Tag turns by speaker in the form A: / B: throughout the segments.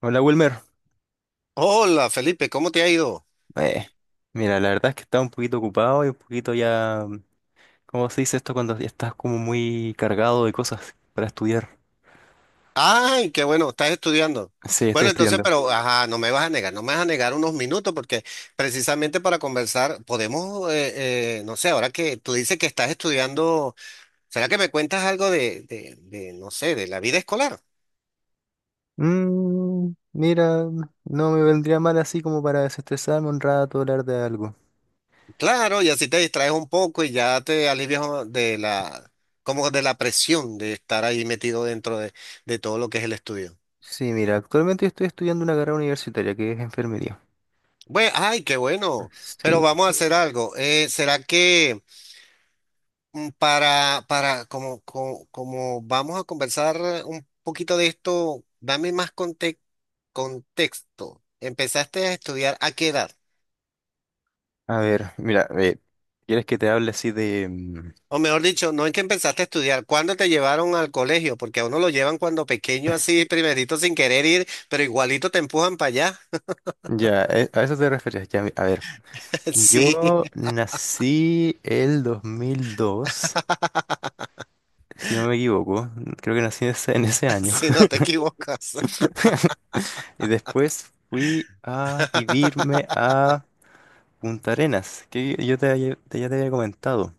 A: Hola Wilmer.
B: Hola Felipe, ¿cómo te ha ido?
A: Eh, Mira, la verdad es que estaba un poquito ocupado y un poquito ya, ¿cómo se dice esto cuando ya estás como muy cargado de cosas para estudiar?
B: Ay, qué bueno, estás estudiando.
A: Sí, estoy
B: Bueno, entonces,
A: estudiando.
B: pero, ajá, no me vas a negar, no me vas a negar unos minutos porque precisamente para conversar podemos, no sé, ahora que tú dices que estás estudiando, ¿será que me cuentas algo de, no sé, de la vida escolar?
A: Mira, no me vendría mal así como para desestresarme un rato, hablar de algo.
B: Claro, y así te distraes un poco y ya te alivias de la, como de la presión de estar ahí metido dentro de todo lo que es el estudio.
A: Sí, mira, actualmente estoy estudiando una carrera universitaria que es enfermería.
B: Bueno, ay, qué bueno, pero
A: Sí.
B: vamos a hacer algo. ¿Será que? Para, como vamos a conversar un poquito de esto, dame más contexto. ¿Empezaste a estudiar a qué edad?
A: A ver, mira, ¿quieres que te hable así de?
B: O mejor dicho, no es que empezaste a estudiar, ¿cuándo te llevaron al colegio? Porque a uno lo llevan cuando pequeño así, primerito sin querer ir, pero igualito te empujan para allá.
A: Ya, a eso te referías, ya, a ver.
B: Sí,
A: Yo nací el 2002, si no me equivoco, creo que nací en ese año.
B: si no te equivocas.
A: Y después fui a vivirme a Punta Arenas, que yo te, había- te- ya te había comentado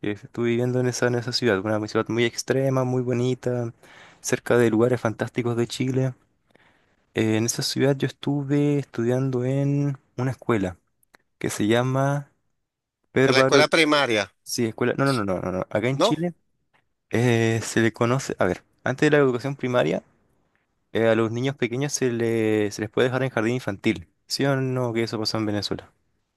A: que estuve viviendo en esa ciudad, una ciudad muy extrema, muy bonita, cerca de lugares fantásticos de Chile. En esa ciudad yo estuve estudiando en una escuela que se llama
B: En
A: Pedro
B: la
A: Pablo.
B: escuela primaria,
A: Sí, escuela. No, no, no, no, no, no. Acá en
B: ¿no?
A: Chile se le conoce. A ver, antes de la educación primaria. A los niños pequeños se les puede dejar en jardín infantil. ¿Sí o no que eso pasó en Venezuela?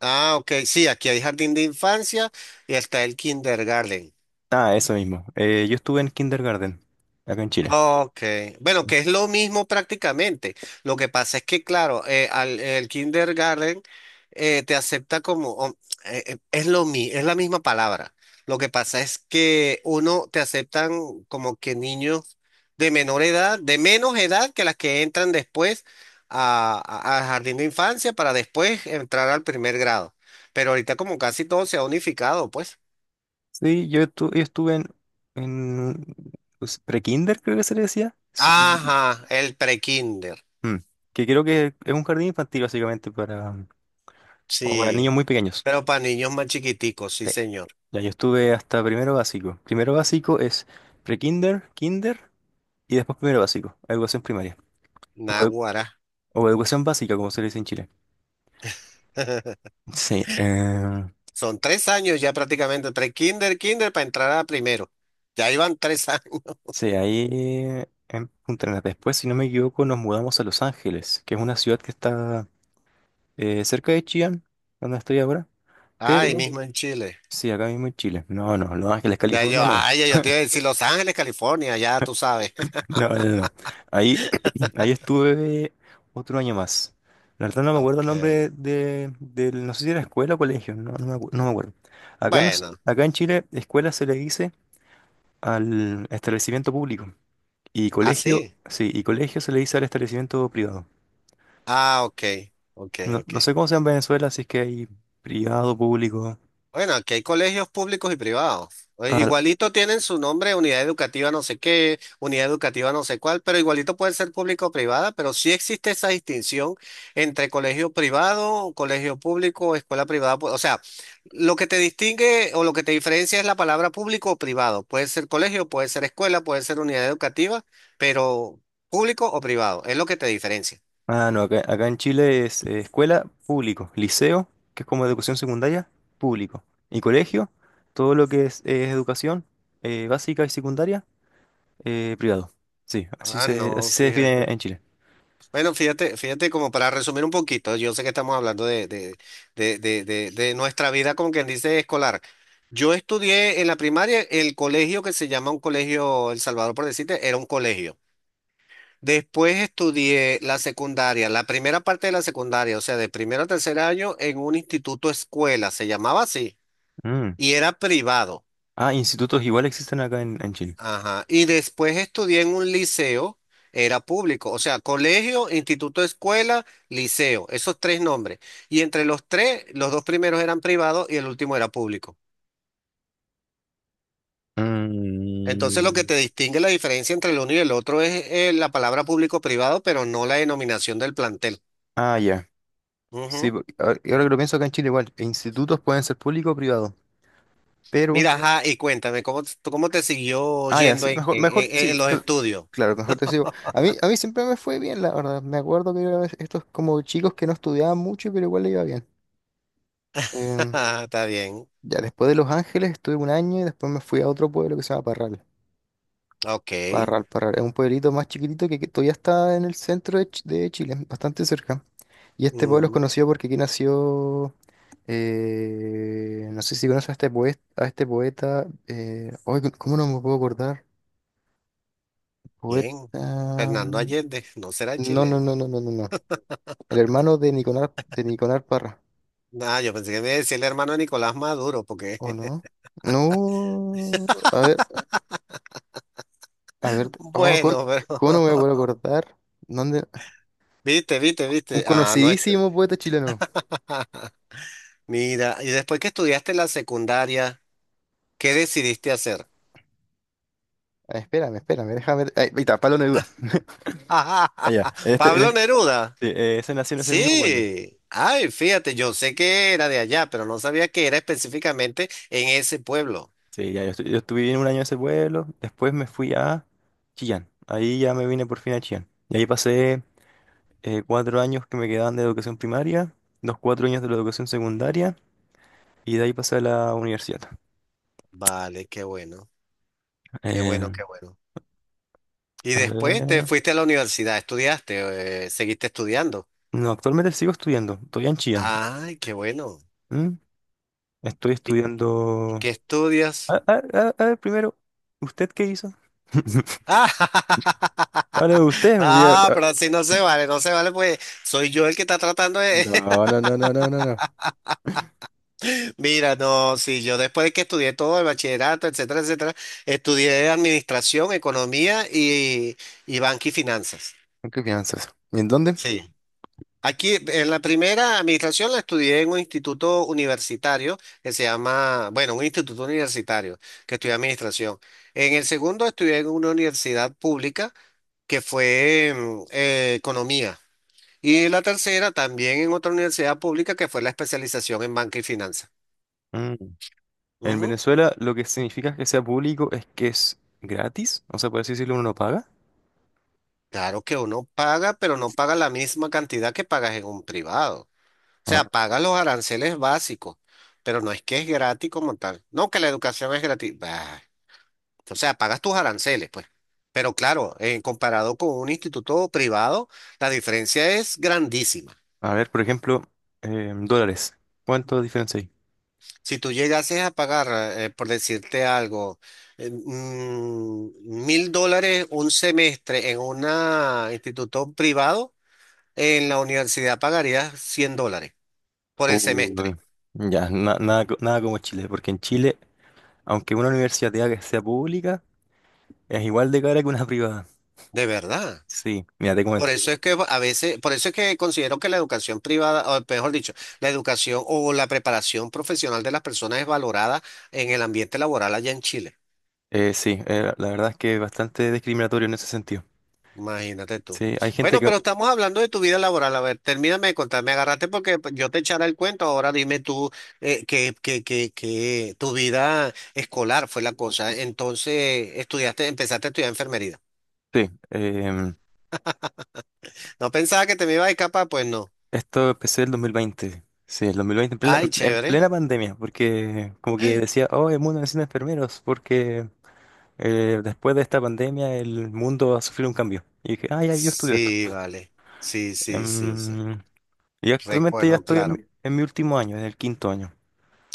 B: Ah, ok, sí, aquí hay jardín de infancia y está el kindergarten.
A: Ah, eso mismo. Yo estuve en kindergarten, acá en Chile.
B: Ok, bueno, que es lo mismo prácticamente. Lo que pasa es que, claro, el kindergarten te acepta es la misma palabra. Lo que pasa es que uno te aceptan como que niños de menor edad, de menos edad que las que entran después al jardín de infancia para después entrar al primer grado. Pero ahorita como casi todo se ha unificado, pues.
A: Sí, yo estuve en pues, pre-kinder, creo que se le decía. Sí.
B: Ajá, el pre-kinder.
A: mm, que creo que es un jardín infantil básicamente como para niños
B: Sí.
A: muy pequeños.
B: Pero para niños más chiquiticos, sí,
A: Sí.
B: señor.
A: Ya, yo estuve hasta primero básico. Primero básico es pre-kinder, kinder y después primero básico, educación primaria. O, edu-
B: Naguará.
A: o educación básica, como se le dice en Chile. Sí,
B: Son tres años ya prácticamente, tres kinder para entrar a primero. Ya iban tres años.
A: sí, ahí en Punta Arenas. Después, si no me equivoco, nos mudamos a Los Ángeles, que es una ciudad que está cerca de Chillán, donde estoy ahora,
B: Ay,
A: pero
B: mismo en Chile.
A: sí, acá mismo en Chile. No, no, Los Ángeles, California, no.
B: Ya yo te iba a decir Los Ángeles, California, ya tú sabes.
A: No, no, no, no. Ahí, ahí estuve otro año más. La verdad no me acuerdo el
B: Ok.
A: nombre no sé si era escuela o colegio, no, no me acuerdo. Acá, nos,
B: Bueno,
A: acá en Chile, escuela se le dice al establecimiento público. Y colegio,
B: así.
A: sí, y colegio se le dice al establecimiento privado.
B: Ah, ok, ok,
A: No,
B: ok.
A: no sé cómo sea en Venezuela, si es que hay privado, público.
B: Bueno, aquí hay colegios públicos y privados.
A: Ah,
B: Igualito tienen su nombre, unidad educativa no sé qué, unidad educativa no sé cuál, pero igualito pueden ser público o privada, pero sí existe esa distinción entre colegio privado, colegio público, escuela privada. O sea, lo que te distingue o lo que te diferencia es la palabra público o privado. Puede ser colegio, puede ser escuela, puede ser unidad educativa, pero público o privado, es lo que te diferencia.
A: ah, no, acá en Chile es escuela, público. Liceo, que es como educación secundaria, público. Y colegio, todo lo que es, educación básica y secundaria, privado. Sí, así
B: Ah,
A: se,
B: no,
A: así se define
B: fíjate.
A: en Chile.
B: Bueno, fíjate, fíjate, como para resumir un poquito, yo sé que estamos hablando de nuestra vida, como quien dice, escolar. Yo estudié en la primaria el colegio que se llama un colegio El Salvador, por decirte, era un colegio. Después estudié la secundaria, la primera parte de la secundaria, o sea, de primero a tercer año en un instituto escuela, se llamaba así,
A: Mm.
B: y era privado.
A: Ah, institutos igual existen acá en Chile.
B: Ajá. Y después estudié en un liceo, era público, o sea, colegio, instituto, escuela, liceo, esos tres nombres. Y entre los tres, los dos primeros eran privados y el último era público. Entonces lo que
A: Mm.
B: te distingue la diferencia entre el uno y el otro es la palabra público-privado, pero no la denominación del plantel.
A: Ah, ya. Sí,
B: Ujú.
A: porque ahora que lo pienso acá en Chile igual, institutos pueden ser públicos o privados, pero.
B: Mira, ajá, y cuéntame, cómo te siguió
A: Ah, ya,
B: yendo
A: sí,
B: en,
A: mejor,
B: en-
A: mejor,
B: en-
A: sí,
B: en los
A: cl-
B: estudios?
A: claro, mejor te sigo. A mí siempre me fue bien, la verdad. Me acuerdo que era estos como chicos que no estudiaban mucho, pero igual le iba bien. Em,
B: Ajá. Está bien,
A: ya, después de Los Ángeles estuve un año y después me fui a otro pueblo que se llama Parral.
B: ok,
A: Parral, Parral es un pueblito más chiquitito que todavía está en el centro de Chile, bastante cerca. Y este pueblo es
B: Mm,
A: conocido porque aquí nació, no sé si conoces a este poeta, ay, ¿cómo no me puedo acordar?
B: bien.
A: Poeta,
B: Fernando
A: no,
B: Allende, no será
A: no, no, no,
B: chileno.
A: no, no, no. El hermano de Niconar Parra,
B: Ah, yo pensé que me decía el hermano de Nicolás Maduro, porque
A: ¿o no? No, a ver, oh, ¿cómo,
B: bueno, pero
A: cómo no me puedo acordar? ¿Dónde?
B: viste, viste,
A: Un
B: viste. Ah, no es.
A: conocidísimo poeta chileno.
B: Mira, y después que estudiaste la secundaria, ¿qué decidiste hacer?
A: Ah, espérame, espérame, déjame ver. Ahí está, palo de duda. Allá,
B: Pablo Neruda.
A: sí, ese nació en ese mismo pueblo.
B: Sí. Ay, fíjate, yo sé que era de allá, pero no sabía que era específicamente en ese pueblo.
A: Sí, ya, yo estuve un año en ese pueblo, después me fui a Chillán. Ahí ya me vine por fin a Chillán. Y ahí pasé 4 años que me quedaban de educación primaria, los 4 años de la educación secundaria, y de ahí pasé a la universidad.
B: Vale, qué bueno, qué bueno,
A: Eh,
B: qué bueno. Y
A: a
B: después te
A: ver.
B: fuiste a la universidad, estudiaste, seguiste estudiando.
A: No, actualmente sigo estudiando, estoy en Chillán.
B: Ay, qué bueno.
A: ¿Mm? Estoy
B: ¿Y y
A: estudiando.
B: qué
A: A,
B: estudias?
A: a- a ver, primero, ¿usted qué hizo?
B: Ah,
A: Ahora usted, bien.
B: ah, pero así no se vale, no se vale, pues soy yo el que está tratando de.
A: No, no, no, no, no, no, no.
B: Mira, no, sí, yo después de que estudié todo el bachillerato, etcétera, etcétera, estudié administración, economía y banca y finanzas.
A: ¿Por ¿Qué piensas? ¿Y en dónde?
B: Sí. Aquí en la primera administración la estudié en un instituto universitario que se llama, bueno, un instituto universitario que estudié administración. En el segundo estudié en una universidad pública que fue economía. Y la tercera también en otra universidad pública que fue la especialización en banca y finanzas.
A: Mm. En
B: Ujú.
A: Venezuela lo que significa que sea público es que es gratis, o sea, por así decirlo, uno no paga.
B: Claro que uno paga, pero no paga la misma cantidad que pagas en un privado. O sea,
A: Ah.
B: paga los aranceles básicos, pero no es que es gratis como tal. No, que la educación es gratis. Bah. O sea, pagas tus aranceles, pues. Pero claro, comparado con un instituto privado, la diferencia es grandísima.
A: A ver, por ejemplo, dólares. ¿Cuánto diferencia hay?
B: Si tú llegases a pagar, por decirte algo, $1.000 un semestre en un instituto privado, en la universidad pagarías $100 por el
A: Uy.
B: semestre,
A: Ya, nada como Chile, porque en Chile, aunque una universidad te haga que sea pública, es igual de cara que una privada.
B: de verdad.
A: Sí, mira, te
B: Por
A: comento.
B: eso es que a veces, por eso es que considero que la educación privada, o mejor dicho, la educación o la preparación profesional de las personas es valorada en el ambiente laboral allá en Chile.
A: Sí, la verdad es que es bastante discriminatorio en ese sentido.
B: Imagínate tú.
A: Sí, hay gente
B: Bueno,
A: que.
B: pero estamos hablando de tu vida laboral. A ver, termíname de contar. Me agarraste porque pues, yo te echara el cuento. Ahora dime tú que tu vida escolar fue la cosa. Entonces, estudiaste, empezaste a estudiar enfermería.
A: Sí,
B: No pensaba que te me iba a ir capaz, pues no.
A: esto empecé el 2020. Sí, el 2020,
B: Ay,
A: en
B: chévere.
A: plena pandemia, porque como que decía, oh, el mundo necesita enfermeros, porque después de esta pandemia el mundo va a sufrir un cambio. Y dije, ah, ya, yo estudio esto.
B: Sí, vale. Sí, sí, sí, sí.
A: Em, y actualmente ya
B: Recuerdo,
A: estoy en, mi
B: claro.
A: en mi último año, en el quinto año.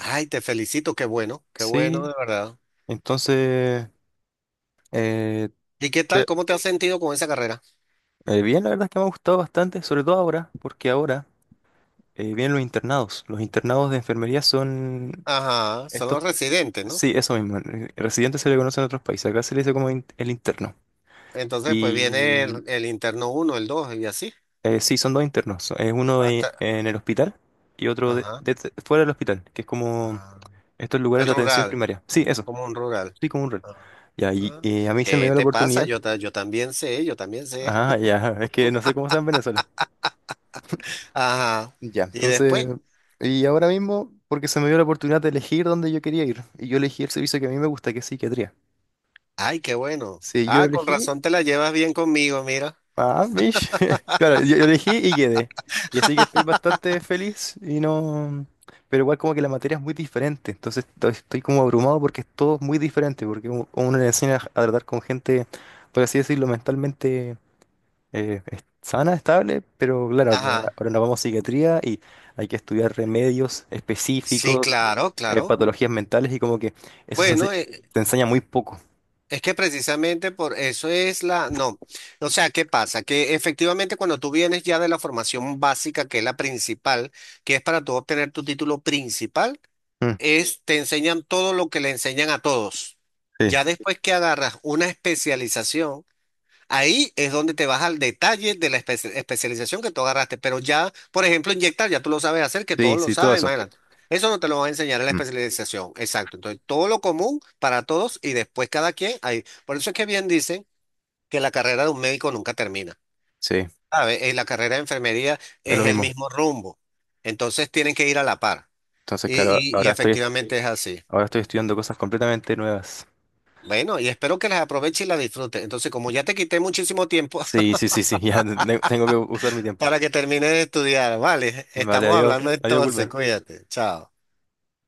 B: Ay, te felicito. Qué bueno,
A: Sí,
B: de verdad.
A: entonces, eh,
B: ¿Y qué tal?
A: te-
B: ¿Cómo te has sentido con esa carrera?
A: bien, la verdad es que me ha gustado bastante, sobre todo ahora, porque ahora vienen los internados. Los internados de enfermería son
B: Ajá, son
A: estos.
B: los residentes, ¿no?
A: Sí, eso mismo. El residente se le conoce en otros países. Acá se le dice como el interno.
B: Entonces, pues viene
A: Y
B: el interno uno el 2 y así.
A: sí, son dos internos. Es uno de-
B: Hasta,
A: en el hospital y otro de-
B: ajá.
A: de- de- fuera del hospital, que es como
B: Ah,
A: estos lugares
B: el
A: de atención
B: rural,
A: primaria. Sí, eso.
B: como un rural.
A: Sí, como un rol.
B: Ah,
A: Ya, y,
B: ah.
A: y a mí se me
B: ¿Qué
A: dio la
B: te pasa?
A: oportunidad.
B: Yo también sé, yo también sé.
A: Ah, ya. Es que no sé cómo sea en Venezuela.
B: Ajá.
A: Ya,
B: Y
A: entonces.
B: después,
A: Y ahora mismo, porque se me dio la oportunidad de elegir dónde yo quería ir. Y yo elegí el servicio que a mí me gusta, que es psiquiatría.
B: ay, qué bueno.
A: Sí, yo
B: Ah, con
A: elegí.
B: razón te la llevas bien conmigo, mira.
A: Ah, Mish. Claro, yo elegí y quedé. Y así que estoy bastante feliz y no. Pero igual como que la materia es muy diferente, entonces estoy como abrumado porque es todo muy diferente, porque uno le enseña a tratar con gente, por así decirlo, mentalmente sana, estable, pero claro, ahora,
B: Ajá.
A: ahora nos vamos a psiquiatría y hay que estudiar remedios
B: Sí,
A: específicos,
B: claro, claro.
A: patologías mentales y como que eso se
B: Bueno,
A: ense-
B: eh,
A: te enseña muy poco.
B: Es que precisamente por eso es la. No, o sea, ¿qué pasa? Que efectivamente cuando tú vienes ya de la formación básica, que es la principal, que es para tú obtener tu título principal,
A: Mm,
B: te enseñan todo lo que le enseñan a todos.
A: sí,
B: Ya después que agarras una especialización, ahí es donde te vas al detalle de la especialización que tú agarraste. Pero ya, por ejemplo, inyectar, ya tú lo sabes hacer, que
A: sí,
B: todos lo
A: sí, todo
B: saben,
A: eso.
B: imagínate. Eso no te lo va a enseñar en la
A: Mm,
B: especialización. Exacto. Entonces, todo lo común para todos y después cada quien ahí. Por eso es que bien dicen que la carrera de un médico nunca termina.
A: sí,
B: ¿Sabes? La carrera de enfermería
A: es lo
B: es el
A: mismo.
B: mismo rumbo. Entonces, tienen que ir a la par.
A: Entonces,
B: Y,
A: claro,
B: y, y
A: ahora estoy,
B: efectivamente es así.
A: ahora estoy estudiando cosas completamente nuevas.
B: Bueno, y espero que las aproveche y las disfrute. Entonces, como ya te quité muchísimo tiempo
A: Sí, sí, sí, sí, ya tengo que usar mi tiempo.
B: para que termine de estudiar. Vale,
A: Vale,
B: estamos
A: adiós,
B: hablando
A: adiós,
B: entonces,
A: Wilmer.
B: cuídate, chao.